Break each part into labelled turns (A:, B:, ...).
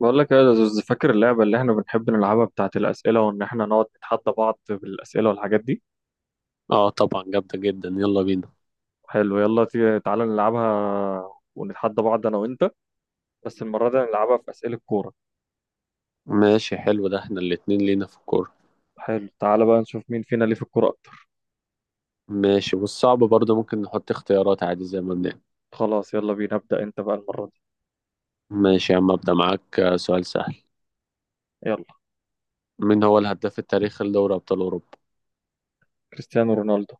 A: بقول لك إيه يا زوز، فاكر اللعبة اللي احنا بنحب نلعبها بتاعت الأسئلة، وإن احنا نقعد نتحدى بعض بالأسئلة والحاجات دي؟
B: اه، طبعا جامدة جدا. يلا بينا.
A: حلو، يلا تعالى نلعبها ونتحدى بعض أنا وأنت. بس المرة دي نلعبها في أسئلة كورة.
B: ماشي، حلو، ده احنا الاتنين لينا في الكورة.
A: حلو، تعالى بقى نشوف مين فينا ليه في الكورة أكتر.
B: ماشي، والصعب برضه ممكن نحط اختيارات عادي زي ما بنعمل.
A: خلاص، يلا بينا، ابدأ أنت بقى المرة دي.
B: ماشي يا عم، ابدأ معاك. سؤال سهل.
A: يلا.
B: مين هو الهداف التاريخي لدوري ابطال اوروبا؟
A: كريستيانو رونالدو.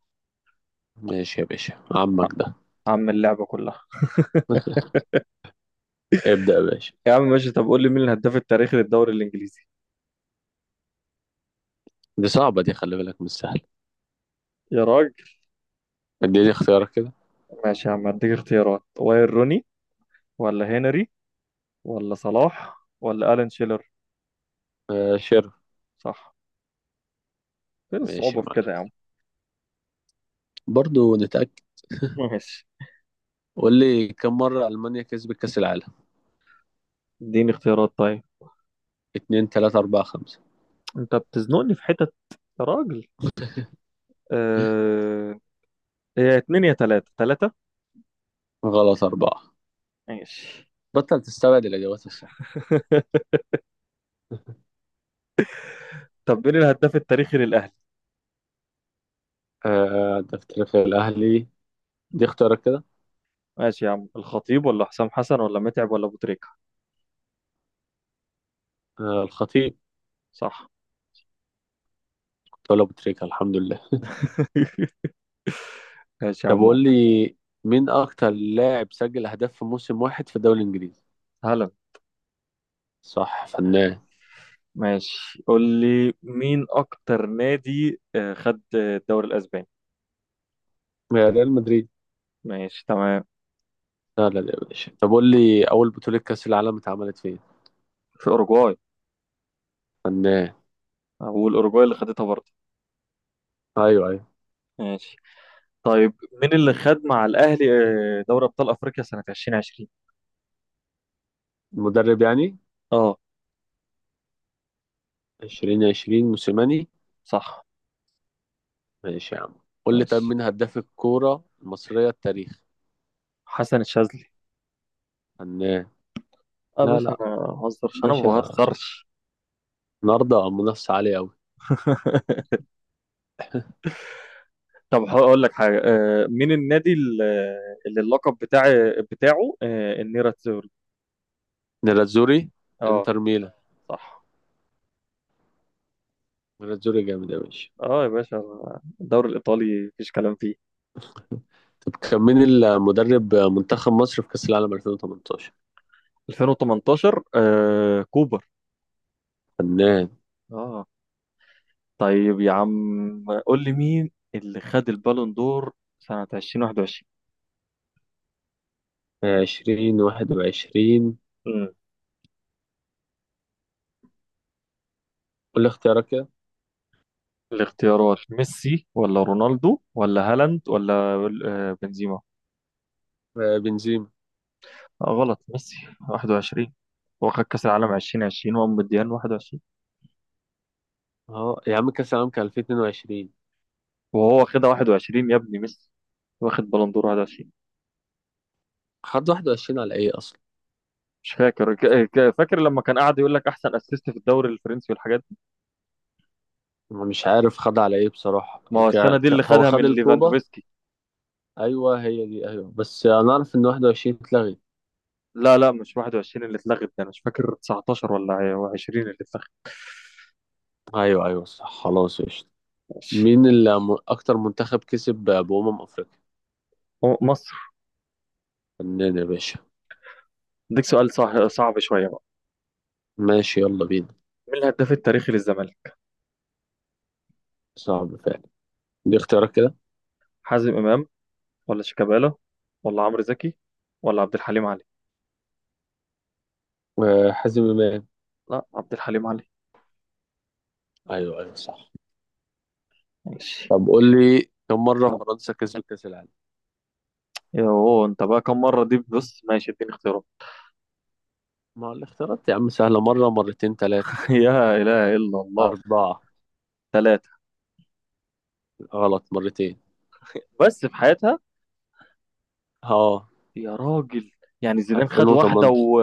B: ماشي يا باشا،
A: ع-
B: عمك ده.
A: عم اللعبة كلها.
B: ابدأ يا باشا.
A: يا عم ماشي، طب قول لي مين الهداف التاريخي للدوري الإنجليزي؟
B: دي صعبة دي، خلي بالك، مش سهلة.
A: يا راجل.
B: اديني اختيارك كده.
A: ماشي يا عم، هديك اختيارات: واير روني، ولا هنري، ولا صلاح، ولا ألان شيلر.
B: آه، شير.
A: صح. فين
B: ماشي
A: الصعوبة
B: يا
A: في كده
B: معلم.
A: يا عم؟
B: برضه نتأكد.
A: ماشي.
B: قول لي، كم مرة ألمانيا كسبت كأس العالم؟
A: اديني اختيارات طيب.
B: اتنين، تلاتة، أربعة، خمسة؟
A: انت بتزنقني في حتت، يا راجل. آه... هي اتنين يا تلاتة، تلاتة.
B: غلط، أربعة.
A: ماشي.
B: بطل تستبعد الإجابات الصح.
A: طب مين الهداف التاريخي للأهلي؟
B: آه، ده في تاريخ الأهلي. دي اختيارك كده.
A: ماشي يا عم، الخطيب ولا حسام حسن ولا متعب ولا أبو تريكة.
B: آه، الخطيب.
A: صح.
B: كنت أقول أبو تريكة، الحمد لله.
A: ماشي يا
B: طب
A: عمو.
B: قول لي، مين أكتر لاعب سجل أهداف في موسم واحد في الدوري الإنجليزي؟
A: هلا.
B: صح، فنان.
A: ماشي، قول لي مين اكتر نادي خد الدوري الاسباني؟
B: يا ريال مدريد.
A: ماشي تمام.
B: لا لا لا يا باشا، طب قول لي، أول بطولة كأس العالم اتعملت فين؟
A: في اوروجواي.
B: فنان.
A: اقول اوروجواي اللي خدتها برضه.
B: أيوه، أيوه.
A: ماشي. طيب مين اللي خد مع الأهلي دوري أبطال أفريقيا سنة 2020؟
B: المدرب يعني؟
A: اه.
B: 2020، موسيماني.
A: صح.
B: ماشي يا عم. قول لي، طب
A: ماشي،
B: مين هداف الكورة المصرية التاريخ؟
A: حسن الشاذلي.
B: فنان.
A: اه
B: لا،
A: باش، انا
B: لا.
A: ما بهزرش انا ما
B: ماشي
A: بهزرش.
B: النهاردة منافسة عالية أوي.
A: طب هقول لك حاجه، مين النادي اللي اللقب بتاعه النيرة تزوري.
B: نيراتزوري.
A: اه.
B: انتر ميلان.
A: صح.
B: مناظوري جامد يا باشا.
A: اه يا باشا، الدوري الايطالي مفيش كلام فيه.
B: طب كان مين المدرب منتخب مصر في كأس العالم 2018؟
A: 2018، كوبر.
B: فنان.
A: اه. طيب يا عم قول لي مين اللي خد البالون دور سنة 2021؟
B: 20 21. كل اختيارك كده.
A: الاختيارات: ميسي ولا رونالدو ولا هالاند ولا بنزيما.
B: آه، بنزيما.
A: غلط، ميسي. 21. هو خد كأس العالم 2020 وقام مديان 21.
B: اه يا عم، كأس العالم كان 2022.
A: وهو واخدها 21 يا ابني، ميسي. واخد بالون دور 21.
B: خد 21 على ايه اصلا؟
A: مش فاكر، فاكر لما كان قاعد يقول لك احسن اسيست في الدوري الفرنسي والحاجات دي.
B: أنا مش عارف خد على ايه بصراحة،
A: ما هو
B: يمكن
A: السنه دي اللي
B: هو
A: خدها من
B: خد الكوبا.
A: ليفاندوفسكي.
B: ايوه هي دي، ايوه، بس انا اعرف ان 21 اتلغت.
A: لا لا، مش 21 اللي اتلغت، ده انا مش فاكر 19 ولا 20 اللي اتلغت.
B: ايوه، ايوه، صح، خلاص، قشطة.
A: ماشي.
B: مين اللي اكتر منتخب كسب بأمم افريقيا؟
A: هو مصر.
B: فنان يا باشا.
A: اديك سؤال صح، صعب شويه بقى.
B: ماشي، يلا بينا.
A: مين الهداف التاريخي للزمالك؟
B: صعب فعلا. دي اختيارك كده.
A: حازم امام، ولا شيكابالا، ولا عمرو زكي، ولا عبد الحليم علي.
B: آه، حازم امام.
A: لا، عبد الحليم علي.
B: ايوه، ايوه، صح.
A: ماشي.
B: طب قول لي، كم مره فرنسا كسبت كاس العالم؟
A: يوه انت بقى، كم مرة دي؟ بص ماشي، اديني اختيارات.
B: ما الاختيارات يا عم سهله، مره، مرتين، ثلاثه،
A: يا اله الا الله.
B: اربعه؟
A: ثلاثة.
B: غلط، مرتين.
A: بس في حياتها؟
B: اه.
A: يا راجل. يعني زيدان خد واحدة
B: 2018.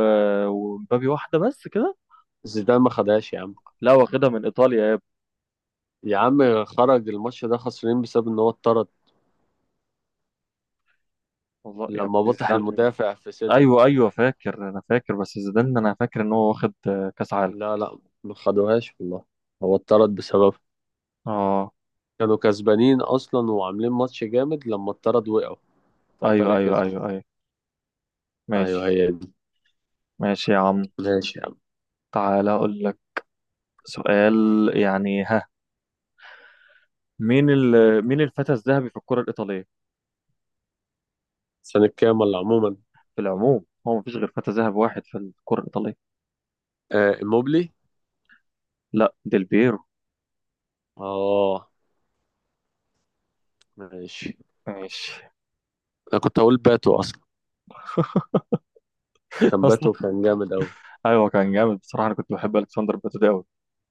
A: ومبابي واحدة، بس كده.
B: زيدان ما خدهاش يا عم.
A: لا، واخدها من ايطاليا يا ابني.
B: يا عم خرج الماتش ده، خسرين بسبب ان هو اتطرد.
A: والله يا
B: لما
A: ابني،
B: بطح
A: زيدان.
B: المدافع في صدره.
A: ايوه ايوه، فاكر، انا فاكر، بس زيدان انا فاكر ان هو واخد كاس عالم.
B: لا، لا. ما خدوهاش والله. هو اتطرد بسبب.
A: اه.
B: كانوا كسبانين اصلا وعاملين ماتش جامد، لما اتطرد وقعوا.
A: ايوه
B: فايطاليا
A: ايوه
B: كسبت.
A: ايوه ايوه.
B: ايوه
A: ماشي.
B: هي دي.
A: ماشي يا عم.
B: ماشي يا عم.
A: تعالى اقول لك سؤال، يعني ها، مين مين الفتى الذهبي في الكرة الإيطالية؟
B: سنة كام ولا عموما؟
A: في العموم، هو مفيش غير فتى ذهبي واحد في الكرة الإيطالية.
B: آه، موبلي.
A: لا، ديل بيرو.
B: اه، ماشي.
A: ماشي.
B: انا كنت هقول باتو اصلا. كان
A: أصلا.
B: باتو كان جامد قوي.
A: أيوه، كان جامد بصراحة، أنا كنت بحب ألكسندر باتو أوي.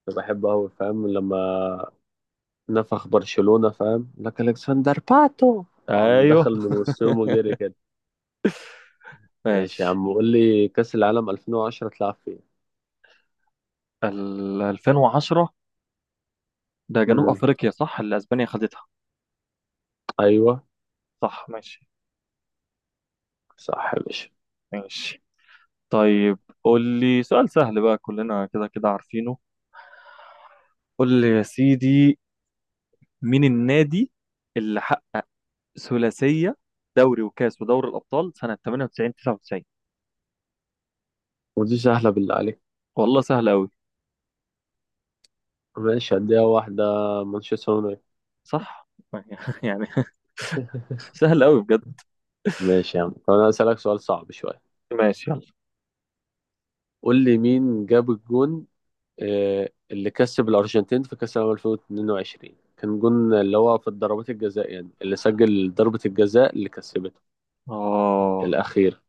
B: انا بحبه قوي، فاهم، لما نفخ برشلونة، فاهم لك، الكسندر باتو. قام
A: أيوه.
B: دخل من وسطهم وجري كده. ماشي يا
A: ماشي،
B: عم، قول لي، كأس العالم 2010 تلعب فين؟
A: ال 2010 ده جنوب
B: امم،
A: أفريقيا صح، اللي أسبانيا خدتها.
B: ايوه.
A: صح ماشي.
B: صح يا باشا.
A: ماشي. طيب قول لي سؤال سهل بقى، كلنا كده كده عارفينه. قول لي يا سيدي، مين النادي اللي حقق ثلاثية دوري وكاس ودوري الأبطال سنة 98 99؟
B: ودي سهلة بالله عليك.
A: والله سهل أوي.
B: ماشي، هديها واحدة. مانشستر يونايتد.
A: صح. يعني سهل أوي بجد.
B: ماشي يا عم، طب انا هسألك سؤال صعب شوية.
A: ماشي يلا.
B: قول لي، مين جاب الجون؟ اللي كسب الأرجنتين في كأس العالم 2022 كان جون اللي هو في الضربات الجزاء، يعني اللي سجل ضربة الجزاء اللي كسبته
A: آه.
B: الأخير.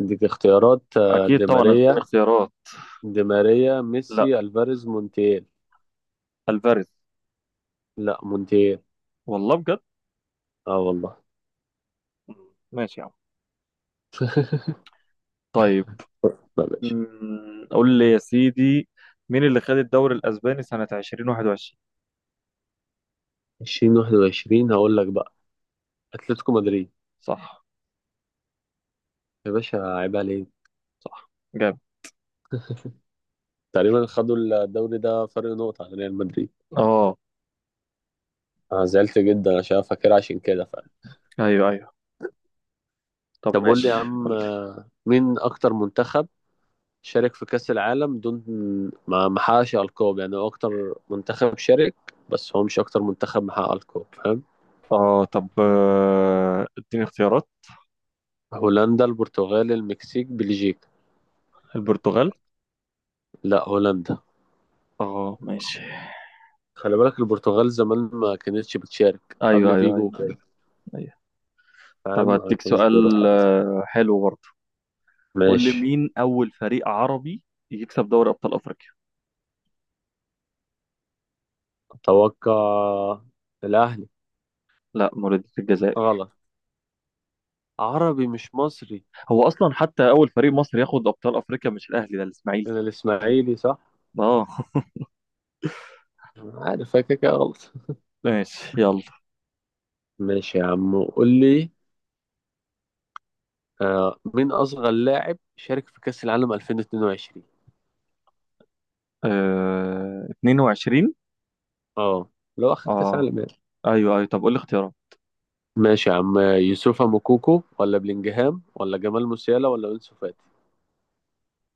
B: ديك اختيارات،
A: أكيد
B: دي
A: طبعا، اديني
B: ماريا.
A: اختيارات.
B: دي ماريا،
A: لا،
B: ميسي، ألفاريز، مونتيل.
A: ألفاريز.
B: لا، مونتيل.
A: والله بجد.
B: اه والله.
A: ماشي يا عم. طيب
B: لا، ماشي.
A: قول لي يا سيدي، مين اللي خد الدوري الأسباني سنة 2021؟
B: 2021 هقول لك بقى. أتلتيكو مدريد.
A: صح.
B: يا باشا، عيب عليك.
A: صح، جامد.
B: تقريبا خدوا الدوري ده فرق نقطة عن ريال مدريد.
A: اه
B: أنا زعلت جدا عشان فاكر، عشان كده فعلا.
A: ايوه ايوه. طب
B: طب قول
A: ماشي.
B: لي يا عم،
A: قول لي.
B: مين أكتر منتخب شارك في كأس العالم دون ما حققش ألقاب، يعني هو أكتر منتخب شارك، بس هو مش أكتر منتخب محقق ألقاب، فاهم؟
A: اه طب، اديني اختيارات.
B: هولندا، البرتغال، المكسيك، بلجيكا؟
A: البرتغال.
B: لا، هولندا.
A: اه ماشي.
B: خلي بالك، البرتغال زمان ما كانتش بتشارك
A: ايوه
B: قبل
A: ايوه
B: فيجو
A: ايوه ايوه،
B: وكده.
A: أيوة. طب
B: فاهم، ما
A: هديك
B: كانش بيروح.
A: سؤال حلو برضه، قول لي
B: ماشي.
A: مين اول فريق عربي يكسب دوري ابطال افريقيا؟
B: أتوقع الأهلي.
A: لا، مولودية الجزائر.
B: غلط. عربي مش مصري.
A: هو اصلا حتى اول فريق مصري ياخد ابطال افريقيا مش الاهلي، ده الاسماعيلي.
B: أنا الإسماعيلي صح؟
A: اه.
B: عارف كده كده غلط.
A: ماشي يلا.
B: ماشي يا عم، قول لي، مين أصغر لاعب شارك في كأس العالم 2022؟
A: 22.
B: اه. لو أخذ كأس
A: اه
B: عالم يعني.
A: ايوه ايوه. طب قول لي اختيارات.
B: ماشي يا عم. يوسف موكوكو، ولا بلينجهام، ولا جمال موسيالا، ولا أنسو فاتي؟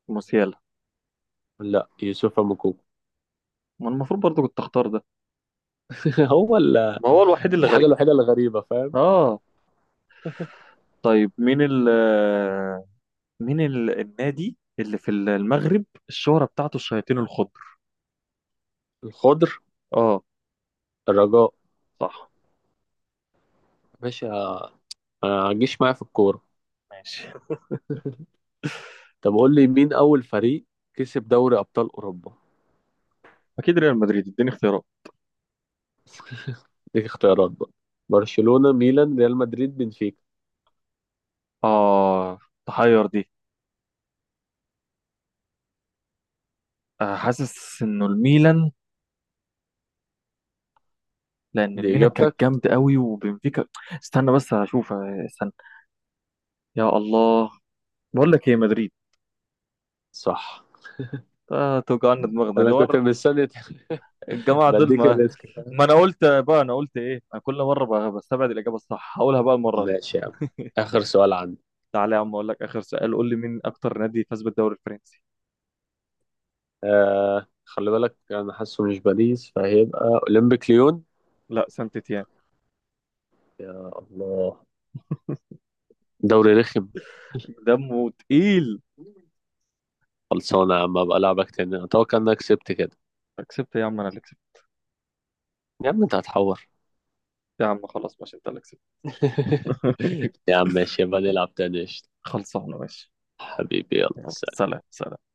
A: موسيالا.
B: لا، يوسف موكوكو.
A: ما المفروض برضه كنت اختار ده.
B: هو ال-
A: ما هو الوحيد اللي
B: الحاجة
A: غريب.
B: الوحيدة اللي غريبة، فاهم.
A: اه. طيب مين ال آه، مين النادي اللي في المغرب الشهرة بتاعته الشياطين الخضر؟
B: الخضر.
A: اه.
B: الرجاء.
A: صح.
B: ماشي. ما تجيش معايا في الكورة.
A: ماشي.
B: طب قول لي، مين أول فريق كسب دوري أبطال أوروبا؟
A: اكيد ريال مدريد، اديني اختيارات.
B: ديك اختيارات بقى. برشلونة، ميلان، ريال مدريد، بنفيكا؟
A: اه. تحير دي. حاسس انه الميلان، لان
B: دي
A: الميلان
B: إجابتك؟
A: كانت جامد قوي، وبنفيكا. استنى بس هشوف، استنى. يا الله. بقول لك ايه، مدريد.
B: صح.
A: توجعنا دماغنا ليه
B: أنا كنت مستني.
A: الجماعه دول
B: بديك
A: ما.
B: الريسك.
A: ما انا قلت بقى، انا قلت ايه، انا كل مره بقى بستبعد الاجابه الصح، هقولها بقى المره
B: ماشي يا عم.
A: دي.
B: آخر سؤال عندي.
A: تعالى يا عم اقول لك اخر سؤال، قول لي مين اكتر نادي فاز بالدوري الفرنسي؟
B: خلي بالك أنا حاسه مش باريس، فهيبقى أولمبيك ليون.
A: لا، سانت تيان.
B: يا الله، دوري رخم.
A: دمه تقيل.
B: خلصانة يا عم، أبقى ألعبك تاني. أتوقع إنك كسبت كده.
A: كسبت يا عم، انا اللي كسبت.
B: يا عم أنت هتحور.
A: يا عم خلاص ماشي، انت اللي كسبت.
B: يا عم ماشي، يبقى نلعب تاني، قشطة.
A: خلصانه، ماشي.
B: حبيبي، يلا
A: يلا،
B: سلام.
A: سلام سلام.